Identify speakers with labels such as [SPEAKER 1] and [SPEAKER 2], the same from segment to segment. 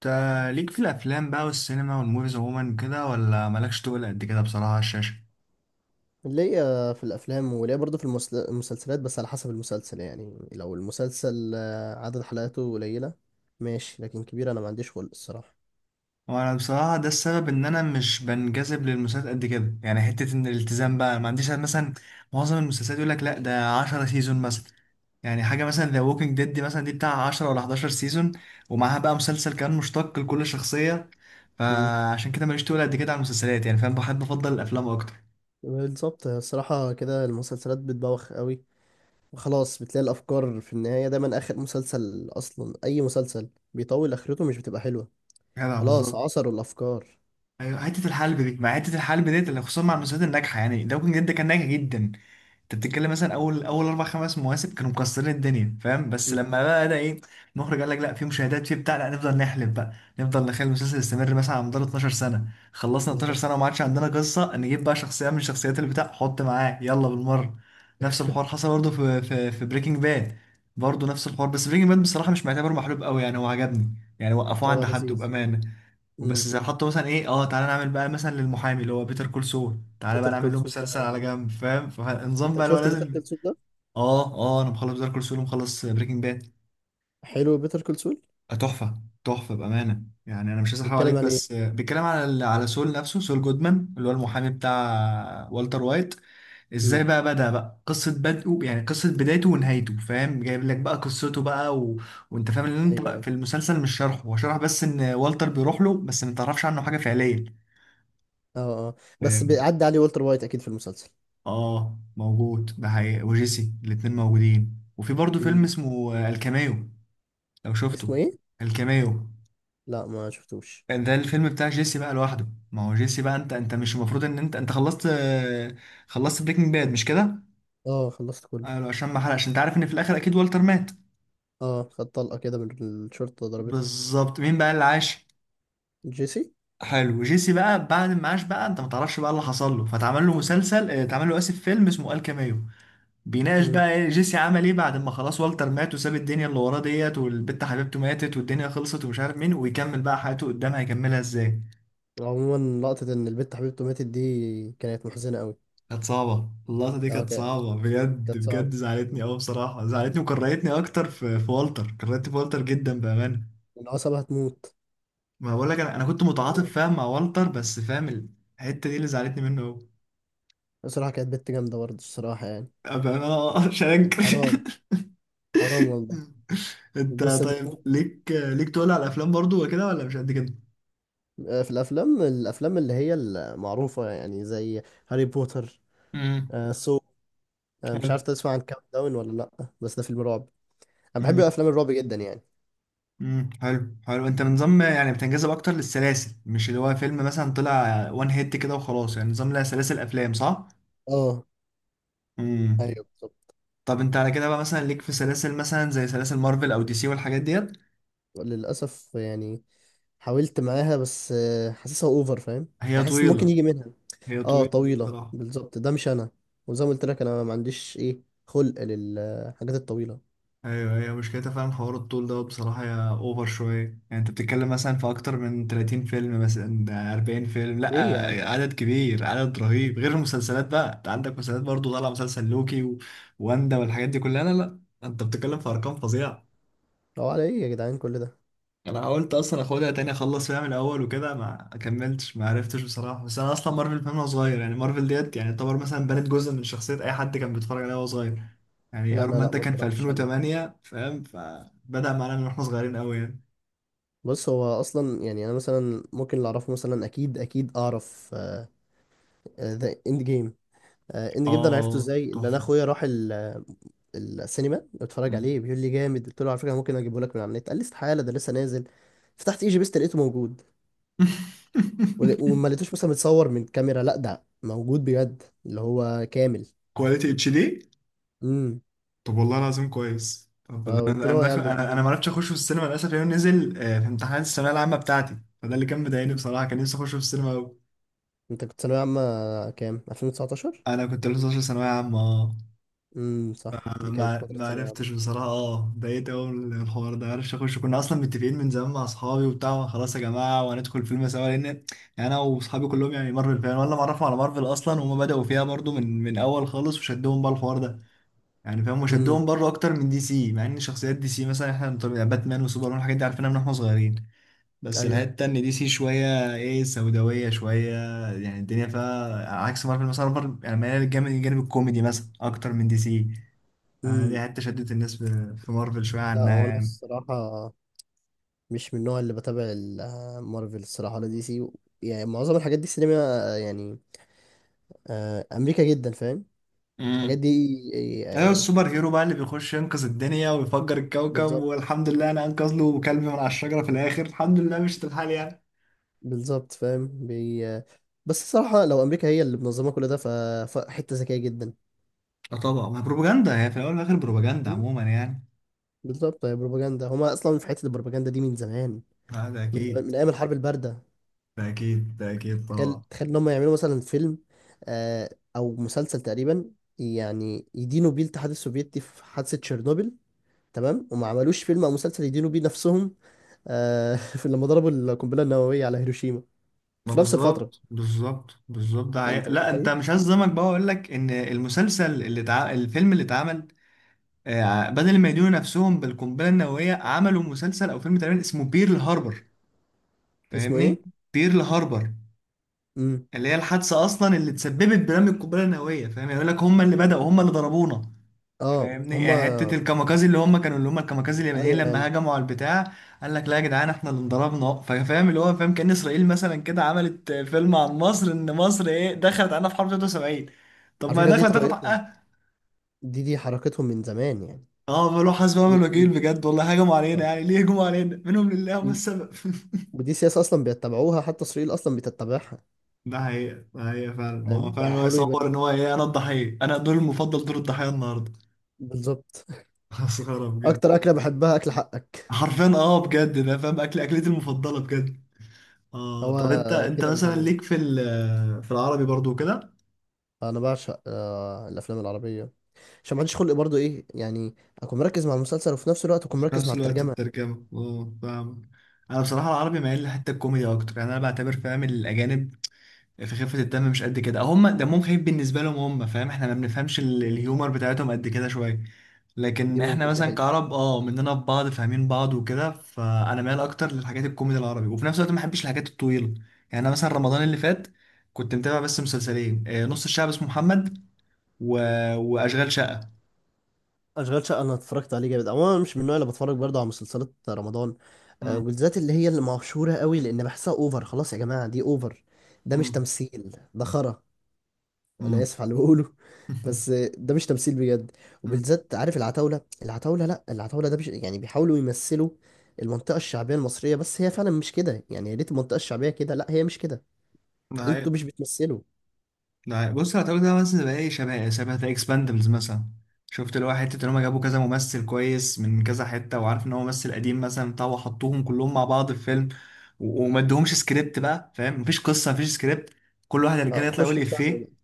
[SPEAKER 1] تا ليك في الافلام بقى والسينما والموفيز عموما كده ولا مالكش؟ تقول قد كده بصراحه على الشاشه.
[SPEAKER 2] ليا في الافلام وليا برضه في المسلسلات، بس على حسب المسلسل. يعني لو المسلسل عدد حلقاته قليله ماشي، لكن كبير انا ما عنديش خلق الصراحه.
[SPEAKER 1] وانا بصراحه ده السبب ان انا مش بنجذب للمسلسلات قد كده، يعني حته ان الالتزام بقى ما عنديش. مثلا معظم المسلسلات يقول لك لا ده 10 سيزون مثلا، يعني حاجه مثلا ذا ووكينج ديد دي مثلا دي بتاع 10 ولا 11 سيزون، ومعاها بقى مسلسل كان مشتق لكل شخصيه.
[SPEAKER 2] امم.
[SPEAKER 1] فعشان كده ماليش تقول قد كده على المسلسلات، يعني فاهم، بحب افضل الافلام اكتر.
[SPEAKER 2] بالظبط، الصراحه كده المسلسلات بتبوخ قوي وخلاص، بتلاقي الافكار في النهايه دايما. اخر مسلسل اصلا، اي مسلسل بيطول اخرته مش بتبقى حلوه.
[SPEAKER 1] جدع
[SPEAKER 2] خلاص،
[SPEAKER 1] بالظبط.
[SPEAKER 2] عصروا الافكار.
[SPEAKER 1] ايوه حته الحلب دي، مع حته الحلب ديت اللي خصوصا مع المسلسلات الناجحه، يعني داوكن جدا كان ناجح جدا. انت بتتكلم مثلا اول اربع خمس مواسم كانوا مكسرين الدنيا، فاهم، بس
[SPEAKER 2] امم،
[SPEAKER 1] لما بقى ده ايه، المخرج قال لك لا، في مشاهدات في بتاع، لا نفضل نحلب بقى. نفضل نخلي المسلسل يستمر مثلا على مدار 12 سنه، خلصنا 12
[SPEAKER 2] بالظبط.
[SPEAKER 1] سنه وما عادش عندنا قصه، نجيب بقى شخصيه من شخصيات البتاع حط معاه يلا بالمره. نفس الحوار حصل برضه في بريكنج باد، برضه نفس الحوار، بس بريكنج باد بصراحه مش معتبر محلوب قوي، يعني هو عجبني يعني، وقفوه
[SPEAKER 2] هو
[SPEAKER 1] عند حد
[SPEAKER 2] لذيذ.
[SPEAKER 1] بامانه. بس
[SPEAKER 2] امم.
[SPEAKER 1] زي حطوا مثلا ايه، تعالى نعمل بقى مثلا للمحامي اللي هو بيتر كول سول، تعالى بقى
[SPEAKER 2] بيتر
[SPEAKER 1] نعمل
[SPEAKER 2] كول
[SPEAKER 1] له
[SPEAKER 2] سول ده،
[SPEAKER 1] مسلسل على جنب، فاهم، فالنظام
[SPEAKER 2] انت
[SPEAKER 1] بقى اللي هو
[SPEAKER 2] شفت بيتر
[SPEAKER 1] لازم.
[SPEAKER 2] كول سول ده؟
[SPEAKER 1] اه اه، انا مخلص بيتر كول سول ومخلص بريكنج باد.
[SPEAKER 2] حلو بيتر كول سول.
[SPEAKER 1] تحفه تحفه بامانه، يعني انا مش عايز احرق عليك
[SPEAKER 2] بيتكلم عن
[SPEAKER 1] بس
[SPEAKER 2] ايه؟
[SPEAKER 1] بيتكلم على على سول نفسه، سول جودمان اللي هو المحامي بتاع والتر وايت. ازاي
[SPEAKER 2] امم.
[SPEAKER 1] بقى بدأ بقى، قصه بدءه يعني، قصه بدايته ونهايته، فاهم، جايب لك بقى قصته بقى. وانت فاهم ان انت
[SPEAKER 2] ايوه، أيوه.
[SPEAKER 1] في المسلسل مش شرحه، هو شرح بس ان والتر بيروح له، بس ما تعرفش عنه حاجه فعليا.
[SPEAKER 2] اه. اه. بس بيعدي عليه والتر وايت اكيد في المسلسل.
[SPEAKER 1] اه موجود، ده حقيقي، وجيسي الاتنين موجودين، وفي برضه فيلم
[SPEAKER 2] امم.
[SPEAKER 1] اسمه الكاميو. لو
[SPEAKER 2] اسمه
[SPEAKER 1] شفته.
[SPEAKER 2] ايه؟
[SPEAKER 1] الكاميو،
[SPEAKER 2] لا، ما شفتوش.
[SPEAKER 1] ده الفيلم بتاع جيسي بقى لوحده، ما هو جيسي بقى انت مش المفروض ان انت خلصت، خلصت بريكنج باد مش كده؟
[SPEAKER 2] اه، خلصت كله.
[SPEAKER 1] قالوا عشان ما حرقش، انت عارف ان في الاخر اكيد والتر مات.
[SPEAKER 2] اه، خد طلقه كده من الشرطه، ضربته.
[SPEAKER 1] بالظبط. مين بقى اللي عاش؟
[SPEAKER 2] جيسي.
[SPEAKER 1] حلو، جيسي بقى بعد ما عاش بقى، انت ما تعرفش بقى اللي حصل له، فتعمل له مسلسل آه، اتعمل له اسف فيلم اسمه الكاميو، بيناقش
[SPEAKER 2] امم.
[SPEAKER 1] بقى ايه جيسي عمل ايه بعد ما خلاص والتر مات وساب الدنيا اللي وراه ديت، والبت حبيبته ماتت، والدنيا خلصت، ومش عارف مين، ويكمل بقى حياته قدام هيكملها ازاي.
[SPEAKER 2] عموما لقطه ان البت حبيبته ماتت دي كانت محزنه قوي.
[SPEAKER 1] كانت صعبة اللقطة دي،
[SPEAKER 2] اه
[SPEAKER 1] كانت
[SPEAKER 2] كا-
[SPEAKER 1] صعبة بجد
[SPEAKER 2] كانت صعبه،
[SPEAKER 1] بجد، زعلتني قوي بصراحة، زعلتني وكرهتني اكتر في والتر، كرهت في والتر جدا بأمانة.
[SPEAKER 2] العصبه هتموت.
[SPEAKER 1] ما بقول لك، انا كنت متعاطف،
[SPEAKER 2] مم.
[SPEAKER 1] فاهم، مع والتر، بس فاهم الحتة دي اللي زعلتني منه قوي.
[SPEAKER 2] بصراحه كانت بنت جامده برضه الصراحه يعني.
[SPEAKER 1] بأمانة مش هنكر
[SPEAKER 2] حرام، حرام والله.
[SPEAKER 1] انت
[SPEAKER 2] الجثه دي
[SPEAKER 1] طيب،
[SPEAKER 2] تموت.
[SPEAKER 1] ليك تقول على الافلام برضو وكده ولا مش قد كده؟
[SPEAKER 2] في الافلام، الافلام اللي هي المعروفه يعني زي هاري بوتر.
[SPEAKER 1] امم
[SPEAKER 2] آه، سو أنا مش عارف تسمع عن كاونت داون ولا لأ، بس ده فيلم رعب. أنا بحب
[SPEAKER 1] حلو،
[SPEAKER 2] أفلام الرعب جدا يعني.
[SPEAKER 1] حلو حلو. انت نظام يعني بتنجذب اكتر للسلاسل، مش اللي هو فيلم مثلا طلع وان هيت كده وخلاص، يعني نظام لها سلاسل افلام صح؟
[SPEAKER 2] اه،
[SPEAKER 1] امم
[SPEAKER 2] أيوه بالظبط.
[SPEAKER 1] طب انت على كده بقى، مثلا ليك في سلاسل مثلا زي سلاسل مارفل او دي سي والحاجات ديت؟
[SPEAKER 2] للأسف يعني، حاولت معاها بس حاسسها أوفر فاهم.
[SPEAKER 1] هي
[SPEAKER 2] أنا حاسس إن ممكن
[SPEAKER 1] طويلة،
[SPEAKER 2] يجي منها.
[SPEAKER 1] هي
[SPEAKER 2] اه
[SPEAKER 1] طويلة
[SPEAKER 2] طويلة،
[SPEAKER 1] بصراحة.
[SPEAKER 2] بالظبط ده مش أنا. وزي ما قلت لك أنا ما عنديش إيه، خلق للحاجات الطويلة.
[SPEAKER 1] ايوه، هي مشكلتها فعلا حوار الطول ده بصراحه، يا اوفر شويه. يعني انت بتتكلم مثلا في اكتر من 30 فيلم، مثلا ده 40 فيلم، لا
[SPEAKER 2] إيه يا عم.
[SPEAKER 1] عدد كبير، عدد رهيب، غير المسلسلات بقى، انت عندك مسلسلات برضو، طالع مسلسل لوكي، واندا والحاجات دي كلها، لا لا انت بتتكلم في ارقام فظيعه.
[SPEAKER 2] هو على إيه يا جدعان كل ده؟
[SPEAKER 1] انا حاولت اصلا اخدها تاني، اخلص فيها من الاول وكده، ما كملتش، ما عرفتش بصراحه، بس انا اصلا مارفل فان وانا صغير، يعني مارفل ديت يعني يعتبر مثلا بنت جزء من شخصيه اي حد كان بيتفرج عليها وهو صغير. يعني
[SPEAKER 2] لا
[SPEAKER 1] ايرون
[SPEAKER 2] أنا
[SPEAKER 1] مان
[SPEAKER 2] لأ،
[SPEAKER 1] ده
[SPEAKER 2] ما
[SPEAKER 1] كان في
[SPEAKER 2] اتفرجتش عليه.
[SPEAKER 1] 2008، فاهم، فبدأ معانا من واحنا صغيرين قوي يعني.
[SPEAKER 2] بص هو أصلا يعني، أنا مثلا ممكن اللي أعرفه مثلا أكيد أكيد أعرف ذا إند جيم. اند جيم ده انا عرفته
[SPEAKER 1] اه
[SPEAKER 2] ازاي؟ ان انا
[SPEAKER 1] تحفه.
[SPEAKER 2] اخويا راح السينما بتفرج
[SPEAKER 1] مم.
[SPEAKER 2] عليه، بيقول لي جامد. قلت له على فكره ممكن اجيبه لك من على النت. قال لي استحاله، ده لسه نازل. فتحت اي جي بيست لقيته موجود. وما لقيتوش مثلا متصور من كاميرا، لا ده موجود بجد اللي هو كامل.
[SPEAKER 1] كواليتي HD.
[SPEAKER 2] امم.
[SPEAKER 1] طب والله العظيم كويس، طب
[SPEAKER 2] فقلت
[SPEAKER 1] انا،
[SPEAKER 2] له آه يا
[SPEAKER 1] داخل،
[SPEAKER 2] عم ده
[SPEAKER 1] انا
[SPEAKER 2] موجود.
[SPEAKER 1] ما عرفتش اخشه في السينما للاسف، لانه نزل في امتحانات الثانويه العامه بتاعتي، فده اللي كان مضايقني
[SPEAKER 2] مم.
[SPEAKER 1] بصراحه، كان نفسي اخشه في السينما قوي.
[SPEAKER 2] انت كنت ثانويه عامه كام؟ 2019؟
[SPEAKER 1] انا كنت لسه 12 ثانويه عامه.
[SPEAKER 2] امم، صح،
[SPEAKER 1] اه
[SPEAKER 2] دي كانت
[SPEAKER 1] ما
[SPEAKER 2] فتره ثانويه
[SPEAKER 1] عرفتش
[SPEAKER 2] عامه.
[SPEAKER 1] بصراحه، ضايقت قوي من الحوار ده، عرفش اخش، كنا اصلا متفقين من زمان مع اصحابي وبتاع، خلاص يا جماعه وهندخل فيلم سوا، لان انا واصحابي كلهم يعني مارفل فان، ولا معرفهم على مارفل اصلا، وهم بداوا فيها برضو من اول خالص وشدهم بقى الحوار ده، يعني فاهم، وشدهم
[SPEAKER 2] امم.
[SPEAKER 1] برضو اكتر من دي سي، مع ان شخصيات دي سي مثلا احنا يعني باتمان وسوبرمان الحاجات دي عارفينها من واحنا صغيرين. بس الحتة
[SPEAKER 2] ايوه.
[SPEAKER 1] التانية دي سي شوية ايه، سوداوية شوية، يعني الدنيا فيها عكس مارفل، مثلا مارفل يعني مايلة الجانب الكوميدي مثلا أكتر من دي سي. دي
[SPEAKER 2] امم.
[SPEAKER 1] حتة شدت الناس في مارفل شوية
[SPEAKER 2] لا،
[SPEAKER 1] عنها
[SPEAKER 2] هو انا
[SPEAKER 1] يعني.
[SPEAKER 2] الصراحه مش من النوع اللي بتابع مارفل الصراحه ولا دي سي. يعني معظم الحاجات دي سينما يعني امريكا جدا فاهم. الحاجات
[SPEAKER 1] امم
[SPEAKER 2] دي
[SPEAKER 1] أيوة السوبر هيرو بقى اللي بيخش ينقذ الدنيا ويفجر الكوكب،
[SPEAKER 2] بالظبط،
[SPEAKER 1] والحمد لله أنا أنقذ له كلب من على الشجرة في الآخر، الحمد لله، مش الحال يعني.
[SPEAKER 2] بالظبط فاهم بي... آه، بس الصراحة لو أمريكا هي اللي منظمة كل ده فحتة ذكية جدا.
[SPEAKER 1] اه طبعا، ما بروباجندا، هي في الأول والآخر بروباجندا
[SPEAKER 2] مم.
[SPEAKER 1] عموما يعني.
[SPEAKER 2] بالظبط، هي بروباجندا، هما أصلا في حتة البروباجندا دي من زمان،
[SPEAKER 1] آه ده
[SPEAKER 2] من زمان،
[SPEAKER 1] أكيد،
[SPEAKER 2] من أيام الحرب الباردة.
[SPEAKER 1] ده أكيد، ده أكيد
[SPEAKER 2] تخيل،
[SPEAKER 1] طبعا.
[SPEAKER 2] تخيل إن هما يعملوا مثلا فيلم آه، أو مسلسل تقريبا، يعني يدينوا بيه الاتحاد السوفيتي في حادثة تشيرنوبل، تمام، وما عملوش فيلم أو مسلسل يدينوا بيه نفسهم في لما ضربوا القنبلة النووية على هيروشيما
[SPEAKER 1] ما
[SPEAKER 2] في نفس الفترة.
[SPEAKER 1] بالظبط بالظبط بالظبط، ده حقيقة.
[SPEAKER 2] أنت
[SPEAKER 1] لا انت
[SPEAKER 2] متخيل؟
[SPEAKER 1] مش هظلمك، بقى اقول لك ان المسلسل الفيلم اللي اتعمل بدل ما يدينوا نفسهم بالقنبله النوويه، عملوا مسلسل او فيلم تقريبا اسمه بيرل هاربر،
[SPEAKER 2] اسمه
[SPEAKER 1] فاهمني؟
[SPEAKER 2] إيه؟
[SPEAKER 1] بيرل هاربر
[SPEAKER 2] مم.
[SPEAKER 1] اللي هي الحادثه اصلا اللي تسببت برمي القنبله النوويه، فاهم، يقول لك هم اللي بداوا، هم اللي ضربونا،
[SPEAKER 2] اه
[SPEAKER 1] فاهمني؟
[SPEAKER 2] هما.
[SPEAKER 1] يعني حته الكاميكازي اللي هم كانوا، اللي هم الكاميكازي اليابانيين
[SPEAKER 2] ايوه
[SPEAKER 1] لما
[SPEAKER 2] يعني.
[SPEAKER 1] هجموا على البتاع، قال لك لا يا جدعان احنا اللي انضربنا، فاهم، اللي هو فاهم، كان اسرائيل مثلا كده عملت فيلم عن مصر ان مصر ايه، دخلت علينا في حرب 73. طب
[SPEAKER 2] على
[SPEAKER 1] ما هي
[SPEAKER 2] فكره دي
[SPEAKER 1] داخله تاخد
[SPEAKER 2] طريقتهم،
[SPEAKER 1] حقها.
[SPEAKER 2] دي حركتهم من زمان يعني.
[SPEAKER 1] اه بيقولوا حسبي
[SPEAKER 2] و-
[SPEAKER 1] ونعم الوكيل،
[SPEAKER 2] و-
[SPEAKER 1] بجد والله، هجموا علينا
[SPEAKER 2] آه.
[SPEAKER 1] يعني، ليه هجموا علينا؟ منهم لله، هم
[SPEAKER 2] و-
[SPEAKER 1] السبب
[SPEAKER 2] ودي سياسه اصلا بيتبعوها، حتى اسرائيل اصلا بتتبعها.
[SPEAKER 1] ده حقيقة، ده حقيقة فعلا، ما
[SPEAKER 2] فاهم
[SPEAKER 1] هو فعلا هو
[SPEAKER 2] بيحاولوا
[SPEAKER 1] يصور
[SPEAKER 2] يبين.
[SPEAKER 1] ان هو ايه، انا الضحية، انا دور المفضل دور الضحية النهارده.
[SPEAKER 2] بالظبط.
[SPEAKER 1] مسخرة بجد.
[SPEAKER 2] اكتر اكله بحبها، اكل حقك.
[SPEAKER 1] حرفيا، بجد ده فاهم، اكل اكلتي المفضلة بجد. اه
[SPEAKER 2] هو
[SPEAKER 1] طب انت،
[SPEAKER 2] كده من
[SPEAKER 1] مثلا
[SPEAKER 2] زمان،
[SPEAKER 1] ليك في العربي برضو كده؟
[SPEAKER 2] انا بعشق آه الافلام العربيه، عشان ما عنديش خلق برضو ايه يعني، اكون مركز مع المسلسل وفي نفس الوقت اكون
[SPEAKER 1] وفي
[SPEAKER 2] مركز مع
[SPEAKER 1] نفس الوقت
[SPEAKER 2] الترجمه.
[SPEAKER 1] الترجمة، فاهم. انا بصراحة العربي مايل لحتة الكوميدي اكتر، يعني انا بعتبر، فاهم، الاجانب في خفة الدم مش قد كده، هم دمهم خفيف بالنسبة لهم هم، فاهم، احنا ما بنفهمش الهيومر بتاعتهم قد كده شوية.
[SPEAKER 2] دي
[SPEAKER 1] لكن احنا
[SPEAKER 2] ممكن دي
[SPEAKER 1] مثلا
[SPEAKER 2] حقيقه.
[SPEAKER 1] كعرب، اه مننا في بعض فاهمين بعض وكده، فانا مايل اكتر للحاجات الكوميدي العربي، وفي نفس الوقت ما بحبش الحاجات الطويلة. يعني انا مثلا رمضان اللي فات كنت متابع بس مسلسلين، نص الشعب اسمه محمد و... واشغال شقة.
[SPEAKER 2] اشغال شقه انا اتفرجت عليه جامد. عموما أنا مش من النوع اللي بتفرج برضه على مسلسلات رمضان،
[SPEAKER 1] مم.
[SPEAKER 2] وبالذات اللي هي اللي مشهوره قوي، لان بحسها اوفر. خلاص يا جماعه دي اوفر، ده مش
[SPEAKER 1] مم.
[SPEAKER 2] تمثيل، ده خرا. انا
[SPEAKER 1] مم.
[SPEAKER 2] اسف على اللي بقوله، بس ده مش تمثيل بجد.
[SPEAKER 1] مم.
[SPEAKER 2] وبالذات عارف العتاوله، العتاوله، لا العتاوله ده يعني بيحاولوا يمثلوا المنطقه الشعبيه المصريه، بس هي فعلا مش كده يعني. يا ريت المنطقه الشعبيه كده، لا هي مش كده.
[SPEAKER 1] ده حقيقة،
[SPEAKER 2] انتوا مش بتمثلوا.
[SPEAKER 1] ده حقيقة. بص هتقول ده مثلا زي ايه، شبه ذا اكسباندبلز مثلا، شفت، اللي هو حتة ان هم جابوا كذا ممثل كويس من كذا حتة، وعارف ان هو ممثل قديم مثلا بتاع، وحطوهم كلهم مع بعض في فيلم، وما ادوهمش سكريبت بقى، فاهم، مفيش قصة، مفيش سكريبت، كل واحد رجاله
[SPEAKER 2] اه
[SPEAKER 1] يطلع يقول
[SPEAKER 2] خشوا في فعلا.
[SPEAKER 1] افيه.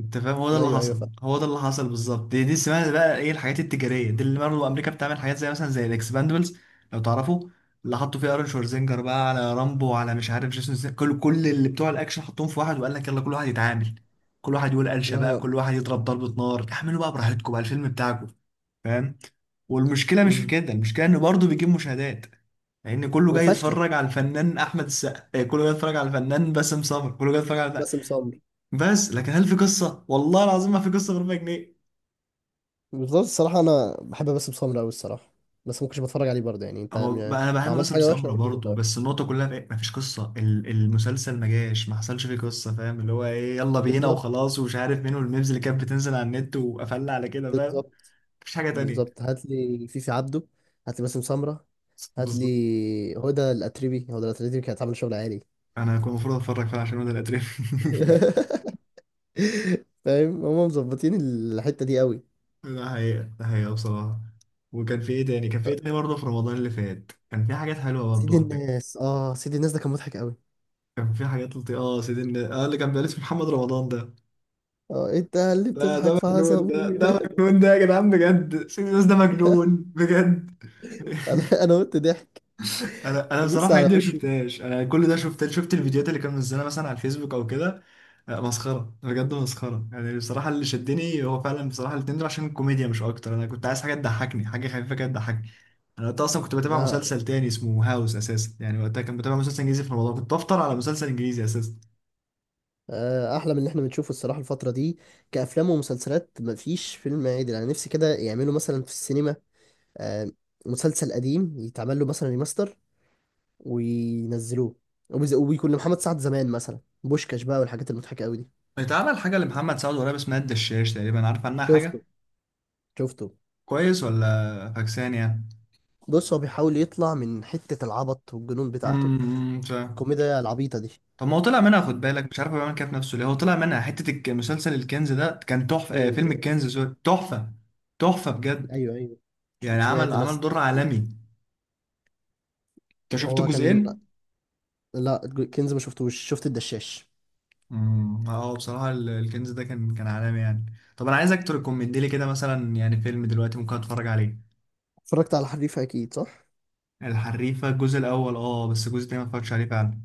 [SPEAKER 1] انت فاهم، هو ده اللي
[SPEAKER 2] ايوه ايوه
[SPEAKER 1] حصل،
[SPEAKER 2] فعلا.
[SPEAKER 1] هو ده اللي حصل بالظبط. دي اسمها بقى ايه الحاجات التجاريه دي، اللي برضه امريكا بتعمل حاجات زي مثلا زي الاكسباندبلز، لو تعرفوا، اللي حطوا فيه ارون شوارزينجر بقى، على رامبو، على مش عارف جيسون كل اللي بتوع الاكشن حطوهم في واحد، وقال لك يلا كل واحد يتعامل، كل واحد يقول قلشه بقى،
[SPEAKER 2] آه.
[SPEAKER 1] كل واحد يضرب ضربه نار، اعملوا بقى براحتكم بقى الفيلم بتاعكم، فاهم. والمشكله مش في
[SPEAKER 2] أمم.
[SPEAKER 1] كده، المشكله انه برضه بيجيب مشاهدات، لان كله جاي
[SPEAKER 2] وفاشله.
[SPEAKER 1] يتفرج على الفنان احمد السقا، كله جاي يتفرج على الفنان باسم سمر، كله جاي يتفرج على،
[SPEAKER 2] باسم سمرة.
[SPEAKER 1] بس لكن هل في قصه؟ والله العظيم ما في قصه غير 100 جنيه.
[SPEAKER 2] بالظبط الصراحة أنا بحب باسم سمرة أوي الصراحة، بس ممكنش بتفرج عليه برضه يعني.
[SPEAKER 1] هو بقى، انا بحب
[SPEAKER 2] لو عملت
[SPEAKER 1] مثلا
[SPEAKER 2] حاجة وحشة
[SPEAKER 1] سمرة
[SPEAKER 2] أقول لك إن أنت
[SPEAKER 1] برضه، بس
[SPEAKER 2] وحش.
[SPEAKER 1] النقطه كلها في إيه؟ ما فيش قصه، المسلسل ما جاش، ما حصلش فيه قصه، فاهم، اللي هو ايه، يلا بينا
[SPEAKER 2] بالظبط،
[SPEAKER 1] وخلاص ومش عارف مين، والميمز اللي كانت بتنزل على النت وقفلنا على كده، فاهم،
[SPEAKER 2] بالظبط،
[SPEAKER 1] مفيش حاجه تانية.
[SPEAKER 2] بالظبط. هات لي فيفي عبده، هات لي باسم سمرة، هات
[SPEAKER 1] بالظبط،
[SPEAKER 2] لي هدى الأتريبي. هدى الأتريبي كانت عاملة شغل عالي.
[SPEAKER 1] انا كنت المفروض اتفرج فعلا عشان ده الاتريف.
[SPEAKER 2] فاهم هما مظبطين الحتة دي أوي.
[SPEAKER 1] ده حقيقه، ده حقيقه بصراحه. وكان في ايه تاني، كان في ايه تاني برضه في رمضان اللي فات، كان في حاجات حلوه
[SPEAKER 2] سيد
[SPEAKER 1] برضه على فكرة.
[SPEAKER 2] الناس، اه سيد الناس ده كان مضحك أوي.
[SPEAKER 1] كان في حاجات لطيفه، اه سيدي الناس، اه اللي كان بيقلد في محمد رمضان ده،
[SPEAKER 2] اه انت اللي
[SPEAKER 1] ده
[SPEAKER 2] بتضحك في
[SPEAKER 1] مجنون، ده
[SPEAKER 2] عصبي.
[SPEAKER 1] ده مجنون ده يا جدعان، بجد سيريوس ده مجنون بجد.
[SPEAKER 2] انا انا قلت ضحك.
[SPEAKER 1] انا
[SPEAKER 2] بص
[SPEAKER 1] بصراحه
[SPEAKER 2] على
[SPEAKER 1] عندي ما
[SPEAKER 2] وشه.
[SPEAKER 1] شفتهاش، انا كل ده شفت، شفت الفيديوهات اللي كان منزلها مثلا على الفيسبوك او كده. مسخره بجد، مسخره يعني بصراحه، اللي شدني هو فعلا بصراحه الاتنين دول عشان الكوميديا مش اكتر، انا كنت عايز حاجه تضحكني، حاجه خفيفه كده تضحكني. انا وقتها اصلا كنت بتابع
[SPEAKER 2] لا
[SPEAKER 1] مسلسل تاني اسمه هاوس اساسا، يعني وقتها كان بتابع مسلسل انجليزي في رمضان، كنت بفطر على مسلسل انجليزي اساسا.
[SPEAKER 2] احلى من اللي احنا بنشوفه الصراحه الفتره دي كافلام ومسلسلات، مفيش فيلم عادل. انا نفسي كده يعملوا مثلا في السينما آه، مسلسل قديم يتعمل له مثلا ريماستر وينزلوه، وبيكون لمحمد سعد زمان مثلا بوشكاش بقى والحاجات المضحكه قوي دي.
[SPEAKER 1] اتعمل حاجه لمحمد سعد قريب اسمها الدشاش تقريبا، عارف عنها حاجه؟
[SPEAKER 2] شفته، شفته.
[SPEAKER 1] كويس ولا فاكسان يعني؟
[SPEAKER 2] بص هو بيحاول يطلع من حته العبط والجنون بتاعته،
[SPEAKER 1] فاهم.
[SPEAKER 2] الكوميديا العبيطه دي.
[SPEAKER 1] طب ما هو طلع منها، خد بالك، مش عارف هو بيعمل كده في نفسه ليه، هو طلع منها حته مسلسل الكنز ده كان تحفه، آه
[SPEAKER 2] كنز.
[SPEAKER 1] فيلم الكنز سوري، تحفه، تحفه بجد،
[SPEAKER 2] ايوه ايوه.
[SPEAKER 1] يعني عمل
[SPEAKER 2] سمعت
[SPEAKER 1] عمل
[SPEAKER 2] ناس
[SPEAKER 1] دور
[SPEAKER 2] تتكلم.
[SPEAKER 1] عالمي، انت شفت
[SPEAKER 2] وهو
[SPEAKER 1] جزئين؟
[SPEAKER 2] كان. لا كنز ما شفتوش، شفت الدشاش.
[SPEAKER 1] اه بصراحه الكنز ده كان عالمي يعني. طب انا عايزك تريكومند لي كده مثلا يعني فيلم دلوقتي ممكن اتفرج عليه.
[SPEAKER 2] اتفرجت على حريفه اكيد صح.
[SPEAKER 1] الحريفه الجزء الاول، بس الجزء التاني ما اتفرجتش عليه فعلا.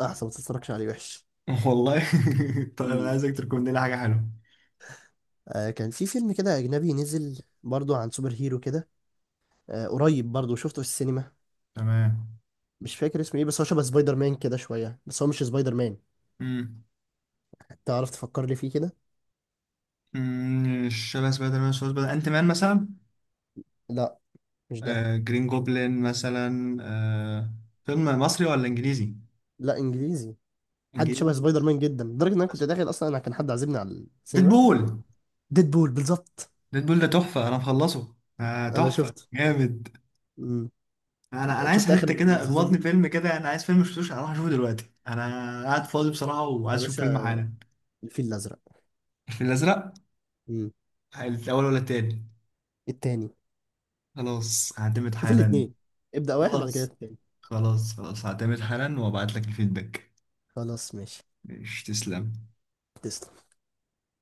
[SPEAKER 2] احسن ما تتفرجش عليه، وحش.
[SPEAKER 1] والله. طب انا
[SPEAKER 2] امم.
[SPEAKER 1] عايزك تريكومند لي حاجه حلوه.
[SPEAKER 2] آه كان في فيلم كده اجنبي نزل برضو عن سوبر هيرو كده. آه قريب برضو شفته في السينما،
[SPEAKER 1] تمام.
[SPEAKER 2] مش فاكر اسمه ايه، بس هو شبه سبايدر مان كده شويه، بس هو مش سبايدر مان.
[SPEAKER 1] امم
[SPEAKER 2] تعرف تفكر لي فيه كده.
[SPEAKER 1] أمم، شبه سبايدر مان، شبه سبايدر انت مان مثلا؟
[SPEAKER 2] لا مش ده.
[SPEAKER 1] آه جرين جوبلين مثلا، آه. فيلم مصري ولا انجليزي؟
[SPEAKER 2] لا انجليزي. حد شبه
[SPEAKER 1] انجليزي.
[SPEAKER 2] سبايدر مان جدا، لدرجه ان انا كنت
[SPEAKER 1] بس.
[SPEAKER 2] داخل اصلا، انا كان حد عازمني على السينما.
[SPEAKER 1] ديدبول.
[SPEAKER 2] ديدبول، بالظبط.
[SPEAKER 1] ديدبول ده تحفة، انا مخلصه،
[SPEAKER 2] انا
[SPEAKER 1] تحفة
[SPEAKER 2] شفته.
[SPEAKER 1] جامد.
[SPEAKER 2] امم.
[SPEAKER 1] انا عايز
[SPEAKER 2] شفت اخر
[SPEAKER 1] حتة كده،
[SPEAKER 2] سيزون
[SPEAKER 1] اخبطني
[SPEAKER 2] دي
[SPEAKER 1] فيلم كده، انا عايز فيلم مشفتوش اروح اشوفه دلوقتي، انا قاعد فاضي بصراحة وعايز
[SPEAKER 2] يا
[SPEAKER 1] اشوف
[SPEAKER 2] باشا؟
[SPEAKER 1] فيلم حالا.
[SPEAKER 2] الفيل الازرق.
[SPEAKER 1] الفيل الازرق؟
[SPEAKER 2] امم.
[SPEAKER 1] الاول ولا التاني؟
[SPEAKER 2] التاني.
[SPEAKER 1] خلاص هعتمد
[SPEAKER 2] شوف
[SPEAKER 1] حالا.
[SPEAKER 2] الاتنين، ابدأ واحد بعد كده
[SPEAKER 1] خلاص،
[SPEAKER 2] التاني.
[SPEAKER 1] هعتمد حالا وابعت لك الفيدباك.
[SPEAKER 2] خلاص ماشي.
[SPEAKER 1] مش تسلم؟
[SPEAKER 2] تسلم.